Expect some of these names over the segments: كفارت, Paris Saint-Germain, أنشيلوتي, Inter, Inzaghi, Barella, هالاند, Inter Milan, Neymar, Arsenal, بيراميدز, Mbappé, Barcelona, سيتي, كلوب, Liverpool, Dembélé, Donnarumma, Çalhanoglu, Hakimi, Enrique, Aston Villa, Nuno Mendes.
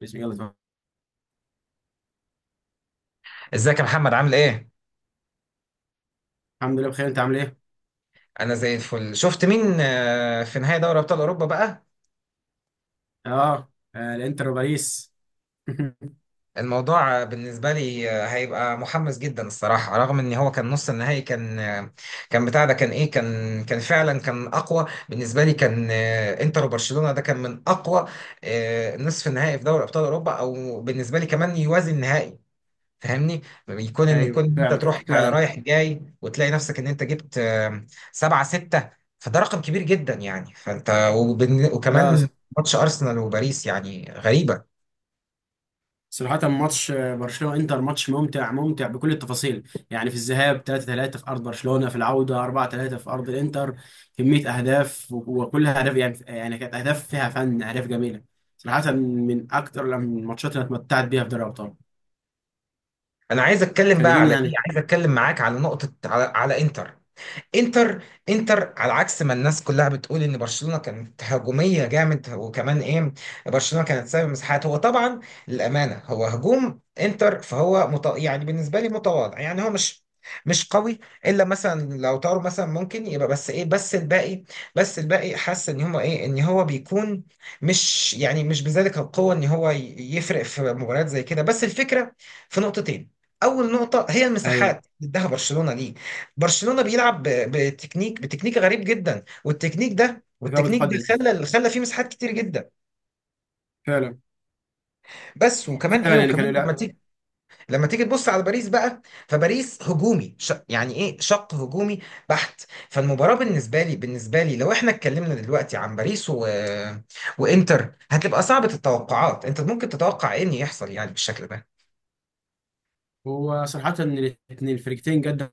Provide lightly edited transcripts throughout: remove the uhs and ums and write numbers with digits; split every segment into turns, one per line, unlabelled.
بسم الله طبعا.
ازيك يا محمد، عامل ايه؟
الحمد لله بخير، انت عامل ايه؟
انا زي الفل. شفت مين في نهائي دوري ابطال اوروبا بقى؟
اه، آه الانتر وباريس.
الموضوع بالنسبه لي هيبقى محمس جدا الصراحه، رغم ان هو كان نص النهائي، كان كان بتاع ده، كان ايه، كان فعلا كان اقوى بالنسبه لي، كان انتر وبرشلونه. ده كان من اقوى نصف النهائي في دوري ابطال اوروبا، او بالنسبه لي كمان يوازي النهائي. فاهمني؟ يكون ان
ايوه
يكون انت
فعلا
تروح
فعلا.
رايح جاي وتلاقي نفسك ان انت جبت 7-6. فده رقم كبير جدا يعني.
لا،
وكمان ماتش ارسنال وباريس يعني غريبة.
صراحة ماتش برشلونة انتر. ماتش ممتع ممتع بكل التفاصيل، يعني في الذهاب 3-3 في ارض برشلونة، في العودة 4-3 في ارض الانتر. كمية اهداف وكلها اهداف، يعني كانت اهداف فيها فن، اهداف جميلة. صراحة من اكتر الماتشات اللي أنا اتمتعت بيها في دوري الابطال.
انا عايز اتكلم بقى
خارجين
على ايه،
يعني.
عايز اتكلم معاك على نقطة، على انتر. انتر، انتر على عكس ما الناس كلها بتقول ان برشلونه كانت هجوميه جامد، وكمان ايه، برشلونه كانت سبب مساحات. هو طبعا للامانه هو هجوم انتر، فهو يعني بالنسبه لي متواضع، يعني هو مش قوي، الا مثلا لو طاروا مثلا ممكن يبقى، بس ايه، بس الباقي، حاسس ان هما ايه، ان هو بيكون مش، يعني مش بذلك القوه ان هو يفرق في مباريات زي كده. بس الفكره في نقطتين. اول نقطه هي
ايوه،
المساحات اللي اداها برشلونه ليك. برشلونة بيلعب بتكنيك غريب جدا، والتكنيك ده
دفاع
والتكنيك ده
متقدم،
خلى فيه مساحات كتير جدا.
فعلا.
بس وكمان ايه،
فعلا يعني
وكمان
كان.
لما
لا،
تيجي لما تيجي تبص على باريس بقى. فباريس هجومي يعني ايه، شق هجومي بحت. فالمباراة بالنسبة لي لو احنا اتكلمنا دلوقتي عن باريس وانتر، هتبقى صعبة التوقعات. انت ممكن تتوقع ايه ان يحصل يعني بالشكل ده؟
هو صراحة الاثنين الفريقين جد،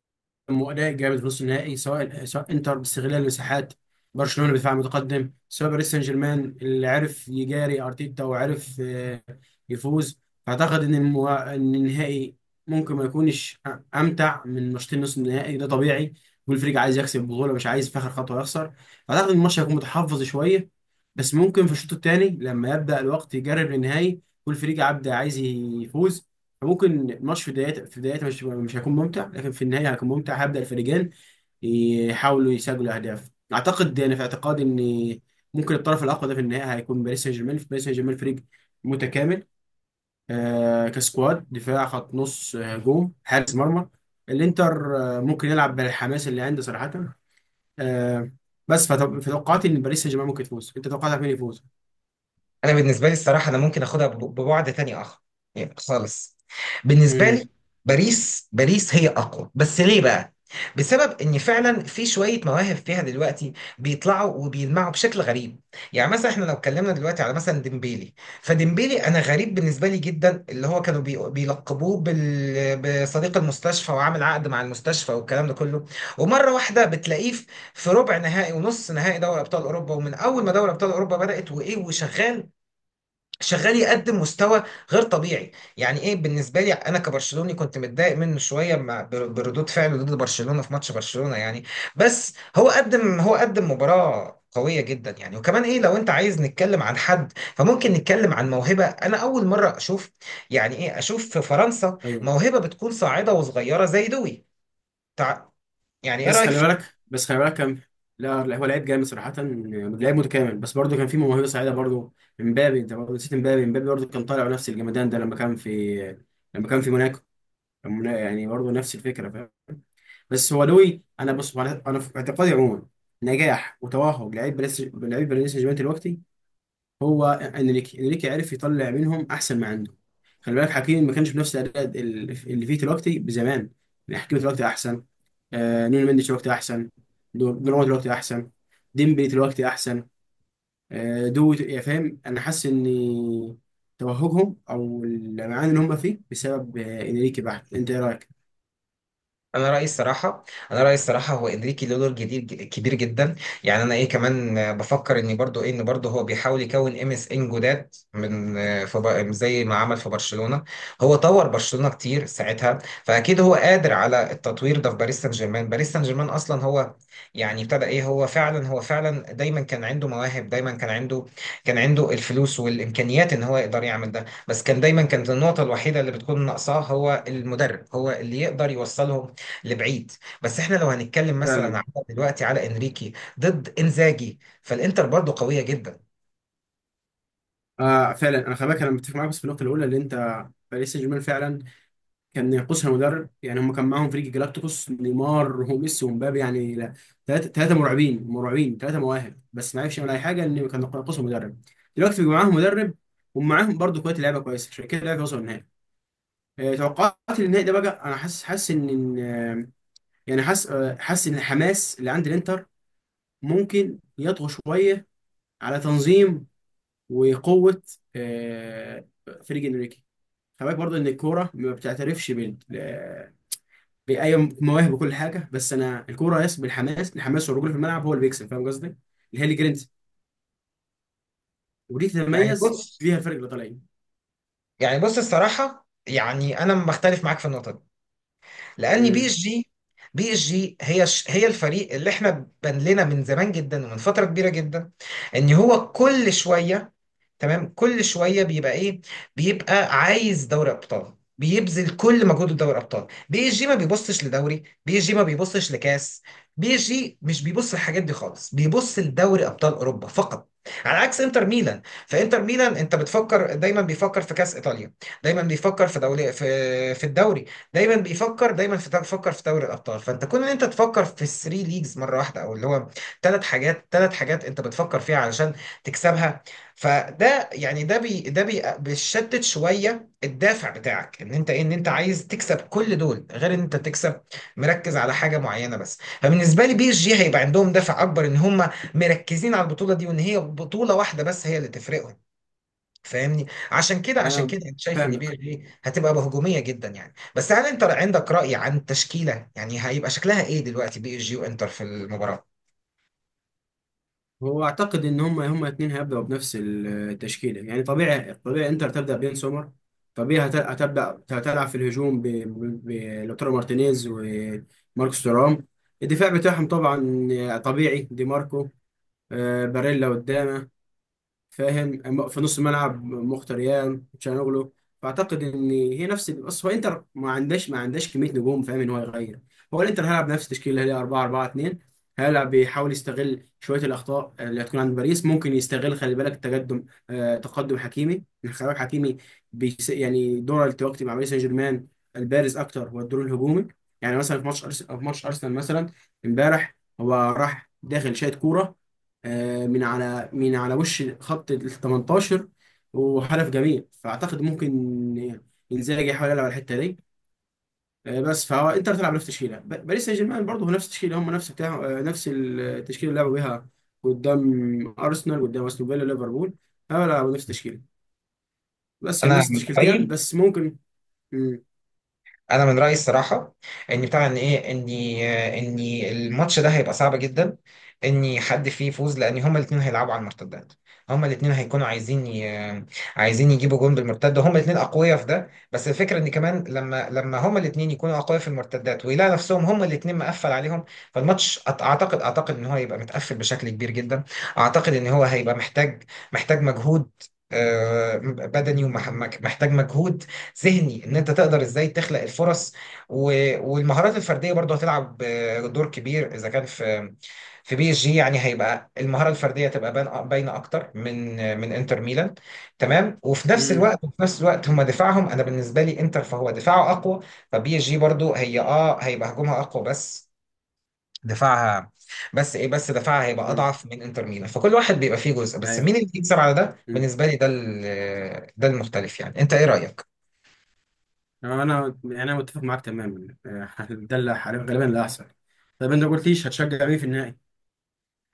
واداء جامد في نص النهائي، سواء انتر باستغلال المساحات، برشلونه بدفاع متقدم، سواء باريس سان جيرمان اللي عرف يجاري ارتيتا وعرف يفوز. فاعتقد ان ان النهائي ممكن ما يكونش امتع من ماتشين نص النهائي، ده طبيعي. كل فريق عايز يكسب البطوله، مش عايز في اخر خطوه يخسر. فاعتقد ان الماتش هيكون متحفظ شويه، بس ممكن في الشوط الثاني لما يبدا الوقت يجرب للنهائي كل فريق عبد عايز يفوز. ممكن الماتش في بدايته في بدايته مش هيكون ممتع، لكن في النهايه هيكون ممتع. هيبدا الفريقين يحاولوا يسجلوا اهداف. اعتقد انا في اعتقادي ان ممكن الطرف الاقوى ده في النهايه هيكون باريس سان جيرمان. في باريس سان جيرمان فريق متكامل، كسكواد، دفاع، خط نص، هجوم، حارس مرمى. الانتر ممكن يلعب بالحماس اللي عنده صراحه. آه بس فتوقعت ان باريس سان جيرمان ممكن يفوز. انت توقعتك مين يفوز؟
انا بالنسبه لي الصراحه، انا ممكن اخدها ببعد تاني اخر يعني خالص. بالنسبه
امم.
لي باريس هي اقوى، بس ليه بقى؟ بسبب ان فعلا في شويه مواهب فيها دلوقتي بيطلعوا وبيلمعوا بشكل غريب. يعني مثلا احنا لو اتكلمنا دلوقتي على مثلا ديمبيلي. فديمبيلي، انا غريب بالنسبه لي جدا، اللي هو كانوا بيلقبوه بصديق المستشفى، وعامل عقد مع المستشفى والكلام ده كله، ومره واحده بتلاقيه في في ربع نهائي ونص نهائي دوري ابطال اوروبا، ومن اول ما دوري ابطال اوروبا بدات وايه وشغال، شغال يقدم مستوى غير طبيعي. يعني ايه، بالنسبه لي انا كبرشلوني كنت متضايق منه شويه مع بردود فعله ضد برشلونه في ماتش برشلونه يعني. بس هو قدم، هو قدم مباراه قويه جدا يعني. وكمان ايه، لو انت عايز نتكلم عن حد، فممكن نتكلم عن موهبه. انا اول مره اشوف، يعني ايه، اشوف في فرنسا
ايوه.
موهبه بتكون صاعده وصغيره زي دوي. تع- يعني ايه
بس
رايك؟
خلي بالك بس خلي بالك كان. لا لا، هو لعيب جامد صراحة، لعيب متكامل، بس برضه كان في موهبة سعيدة برضه. امبابي، انت برضه نسيت امبابي. امبابي برضه كان طالع نفس الجمدان ده لما كان في موناكو. يعني برضه نفس الفكرة، فاهم؟ بس هو لوي، انا في اعتقادي عموما، نجاح وتوهج لعيب باريس، لعيب باريس سان جيرمان دلوقتي هو انريكي. انريكي عرف يطلع منهم احسن ما عنده. خلي بالك حكيمي ما كانش بنفس الاداء اللي فيه دلوقتي، بزمان. يعني حكيمي دلوقتي احسن، نونو مندش دلوقتي احسن، دوناروما دلوقتي احسن، ديمبلي دلوقتي احسن. دو، يا فاهم، انا حاسس ان توهجهم او المعاني اللي هم فيه بسبب انريكي بحت. انت ايه رايك؟
انا رايي الصراحه انا رايي الصراحه، هو انريكي له دور جديد كبير جدا. يعني انا ايه كمان بفكر ان برضو، ايه، ان برضو هو بيحاول يكون MSN جداد من في زي ما عمل في برشلونه. هو طور برشلونه كتير ساعتها، فاكيد هو قادر على التطوير ده في باريس سان جيرمان. باريس سان جيرمان اصلا هو يعني ابتدى ايه، هو فعلا دايما كان عنده مواهب دايما كان عنده كان عنده الفلوس والامكانيات ان هو يقدر يعمل ده. بس كان دايما، كانت النقطه الوحيده اللي بتكون ناقصاه هو المدرب، هو اللي يقدر يوصله لبعيد. بس احنا لو هنتكلم مثلا
فعلا.
على دلوقتي على انريكي ضد انزاجي، فالانتر برضه قوية جدا.
آه فعلا، انا خلي بالك انا متفق معاك، بس في النقطه الاولى اللي انت، باريس سان جيرمان فعلا كان ينقصها مدرب. يعني هم كان معاهم فريق جلاكتيكوس، نيمار وميسي ومبابي، يعني لا، ثلاثة مرعبين، ثلاثة مواهب، بس ما عرفش يعمل أي حاجة، إن كان ينقصهم مدرب. دلوقتي بيبقى معاهم مدرب، ومعاهم برضه كوية لعيبة كويسة، عشان كده لعيبة وصلوا النهائي. توقعاتي للنهائي ده بقى، أنا حاسس، حاسس إن حاسس إن الحماس اللي عند الإنتر ممكن يطغى شوية على تنظيم وقوة آه، فريق إنريكي. خلي بالك برضه إن الكورة ما بتعترفش ايوه، مواهب وكل حاجه، بس انا الكوره يس بالحماس، الحماس والرجوله في الملعب هو اللي بيكسب. فاهم قصدي؟ اللي هي اللي جرينتا، ودي
يعني
تتميز
بص،
فيها الفرق الايطاليين.
يعني بص الصراحة، يعني انا بختلف معاك في النقطة دي، لان بي
امم.
اس جي بي اس جي هي هي الفريق اللي احنا بان لنا من زمان جدا ومن فترة كبيرة جدا، ان هو كل شوية، تمام، كل شويه بيبقى ايه، بيبقى عايز دوري ابطال، بيبذل كل مجهوده في دوري ابطال. بي اس جي ما بيبصش لدوري، بي اس جي ما بيبصش لكاس، بي اس جي مش بيبص للحاجات دي خالص، بيبص لدوري ابطال اوروبا فقط. على عكس انتر ميلان. فانتر ميلان انت بتفكر، دايما بيفكر في كاس ايطاليا، دايما بيفكر في دوري، في الدوري، دايما بيفكر في دوري الابطال. فانت كون ان انت تفكر في الثري ليجز مره واحده، او اللي هو ثلاث حاجات انت بتفكر فيها علشان تكسبها، فده يعني، ده بيشتت شويه الدافع بتاعك، ان انت ايه، ان انت عايز تكسب كل دول، غير ان انت تكسب مركز على حاجه معينه بس. فبالنسبه لي بي اس جي هيبقى عندهم دافع اكبر، ان هم مركزين على البطوله دي، وان هي بطوله واحده بس هي اللي تفرقهم. فاهمني؟ عشان كده عشان
انا
كده انا شايف ان بي اس
فاهمك.
جي هتبقى بهجوميه جدا يعني. بس هل انت عندك راي عن التشكيله؟ يعني هيبقى شكلها ايه دلوقتي بي اس جي وانتر في المباراه؟
هو اعتقد ان هم الاثنين هيبداوا بنفس التشكيله، يعني طبيعي. طبيعي انتر تبدا بين سومر، طبيعي هتبدا، هتلعب في الهجوم بلوتارو مارتينيز وماركوس تورام. الدفاع بتاعهم طبعا طبيعي، دي ماركو، باريلا قدامه، فاهم، في نص الملعب مختريان تشانوغلو. فاعتقد ان هي نفس، بس هو انتر ما عندهاش ما عندهاش كميه نجوم، فاهم، ان هو يغير. هو الانتر هيلعب نفس التشكيله اللي هي 4 4 2، هيلعب بيحاول يستغل شويه الاخطاء اللي هتكون عند باريس، ممكن يستغل. خلي بالك تقدم، تقدم حكيمي. يعني خلي بالك حكيمي بيس، يعني دوره التوقيت مع باريس سان جيرمان البارز اكتر هو الدور الهجومي. يعني مثلا في ماتش ارسنال مثلا، امبارح، هو راح داخل شايط كوره من على وش خط ال 18، وهدف جميل. فاعتقد ممكن انزاجي يحاول يلعب على الحته دي. بس فهو انتر تلعب نفس التشكيله، باريس سان جيرمان برضه هو نفس التشكيله، هم نفس بتاع نفس التشكيله اللي لعبوا بيها قدام ارسنال، قدام استون فيلا، ليفربول. هو لعبوا نفس التشكيله، بس يعني
انا
نفس
من
التشكيلتين،
رأيي،
بس ممكن. مم.
انا من رايي الصراحه، ان بتاع، ان ايه، ان، ان الماتش ده هيبقى صعب جدا ان حد فيه يفوز، لان هما الاثنين هيلعبوا على المرتدات. هما الاثنين هيكونوا عايزين عايزين يجيبوا جون بالمرتده. هما الاثنين اقوياء في ده، بس الفكره ان كمان لما، هما الاثنين يكونوا اقوياء في المرتدات ويلاقوا نفسهم هما الاثنين مقفل عليهم، فالماتش اعتقد، ان هو هيبقى متقفل بشكل كبير جدا. اعتقد ان هو هيبقى محتاج، مجهود بدني، ومحتاج مجهود ذهني، ان انت تقدر ازاي تخلق الفرص. والمهارات الفرديه برضو هتلعب دور كبير، اذا كان في في بي اس جي، يعني هيبقى المهاره الفرديه تبقى باينه اكتر من انتر ميلان. تمام. وفي نفس
مم.
الوقت وفي نفس الوقت هم دفاعهم، انا بالنسبه لي انتر فهو دفاعه اقوى، فبي اس جي برضو هي، اه، هيبقى هجومها اقوى، بس دفاعها، بس ايه، بس دفاعها هيبقى
مم.
اضعف من انتر ميلان. فكل واحد بيبقى فيه جزء، بس
ايوه.
مين اللي يكسب على ده؟
مم.
بالنسبه لي ده، ده المختلف يعني. انت ايه رايك؟
انا يعني انا متفق معاك تماما، ده اللي غالبا اللي هيحصل. طب انت ما قلتليش هتشجع مين في النهائي؟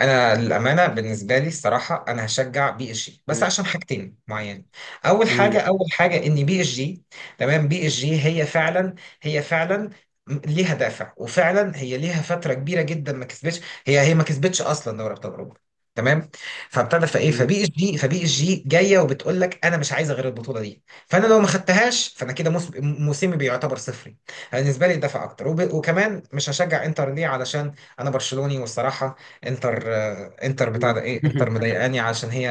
انا للامانه بالنسبه لي الصراحه انا هشجع بي اس جي، بس عشان حاجتين معينه. اول حاجه
مم.
اول حاجه ان بي اس جي، تمام، بي اس جي هي فعلا، هي فعلا ليها دافع، وفعلا هي ليها فتره كبيره جدا ما كسبتش، هي ما كسبتش اصلا دوري ابطال اوروبا. تمام. فابتدى، فايه،
مم.
فبي اس جي جايه وبتقول لك انا مش عايزه غير البطوله دي، فانا لو ما خدتهاش فانا كده موسمي بيعتبر صفري. بالنسبه لي الدفع اكتر. وكمان مش هشجع انتر، ليه؟ علشان انا برشلوني، والصراحه انتر انتر بتاع
مم.
ده، ايه، انتر مضايقاني عشان هي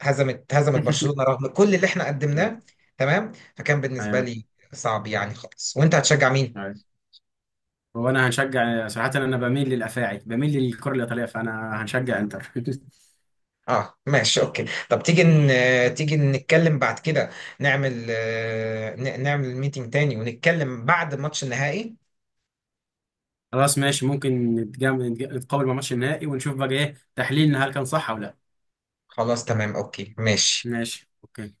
هزمت برشلونة رغم كل اللي احنا قدمناه. تمام. فكان بالنسبة
ايوه.
لي صعب يعني خالص. وانت هتشجع مين؟
ايوه، هو انا هنشجع صراحه، انا بميل للافاعي، بميل للكره الايطاليه، فانا هنشجع انتر.
اه ماشي، اوكي. طب تيجي تيجي نتكلم بعد كده، نعمل نعمل ميتنج تاني ونتكلم بعد ماتش النهائي.
خلاص ماشي، ممكن نتقابل مع ماتش النهائي ونشوف بقى ايه تحليلنا، هل كان صح او لا.
خلاص تمام اوكي ماشي.
ماشي اوكي.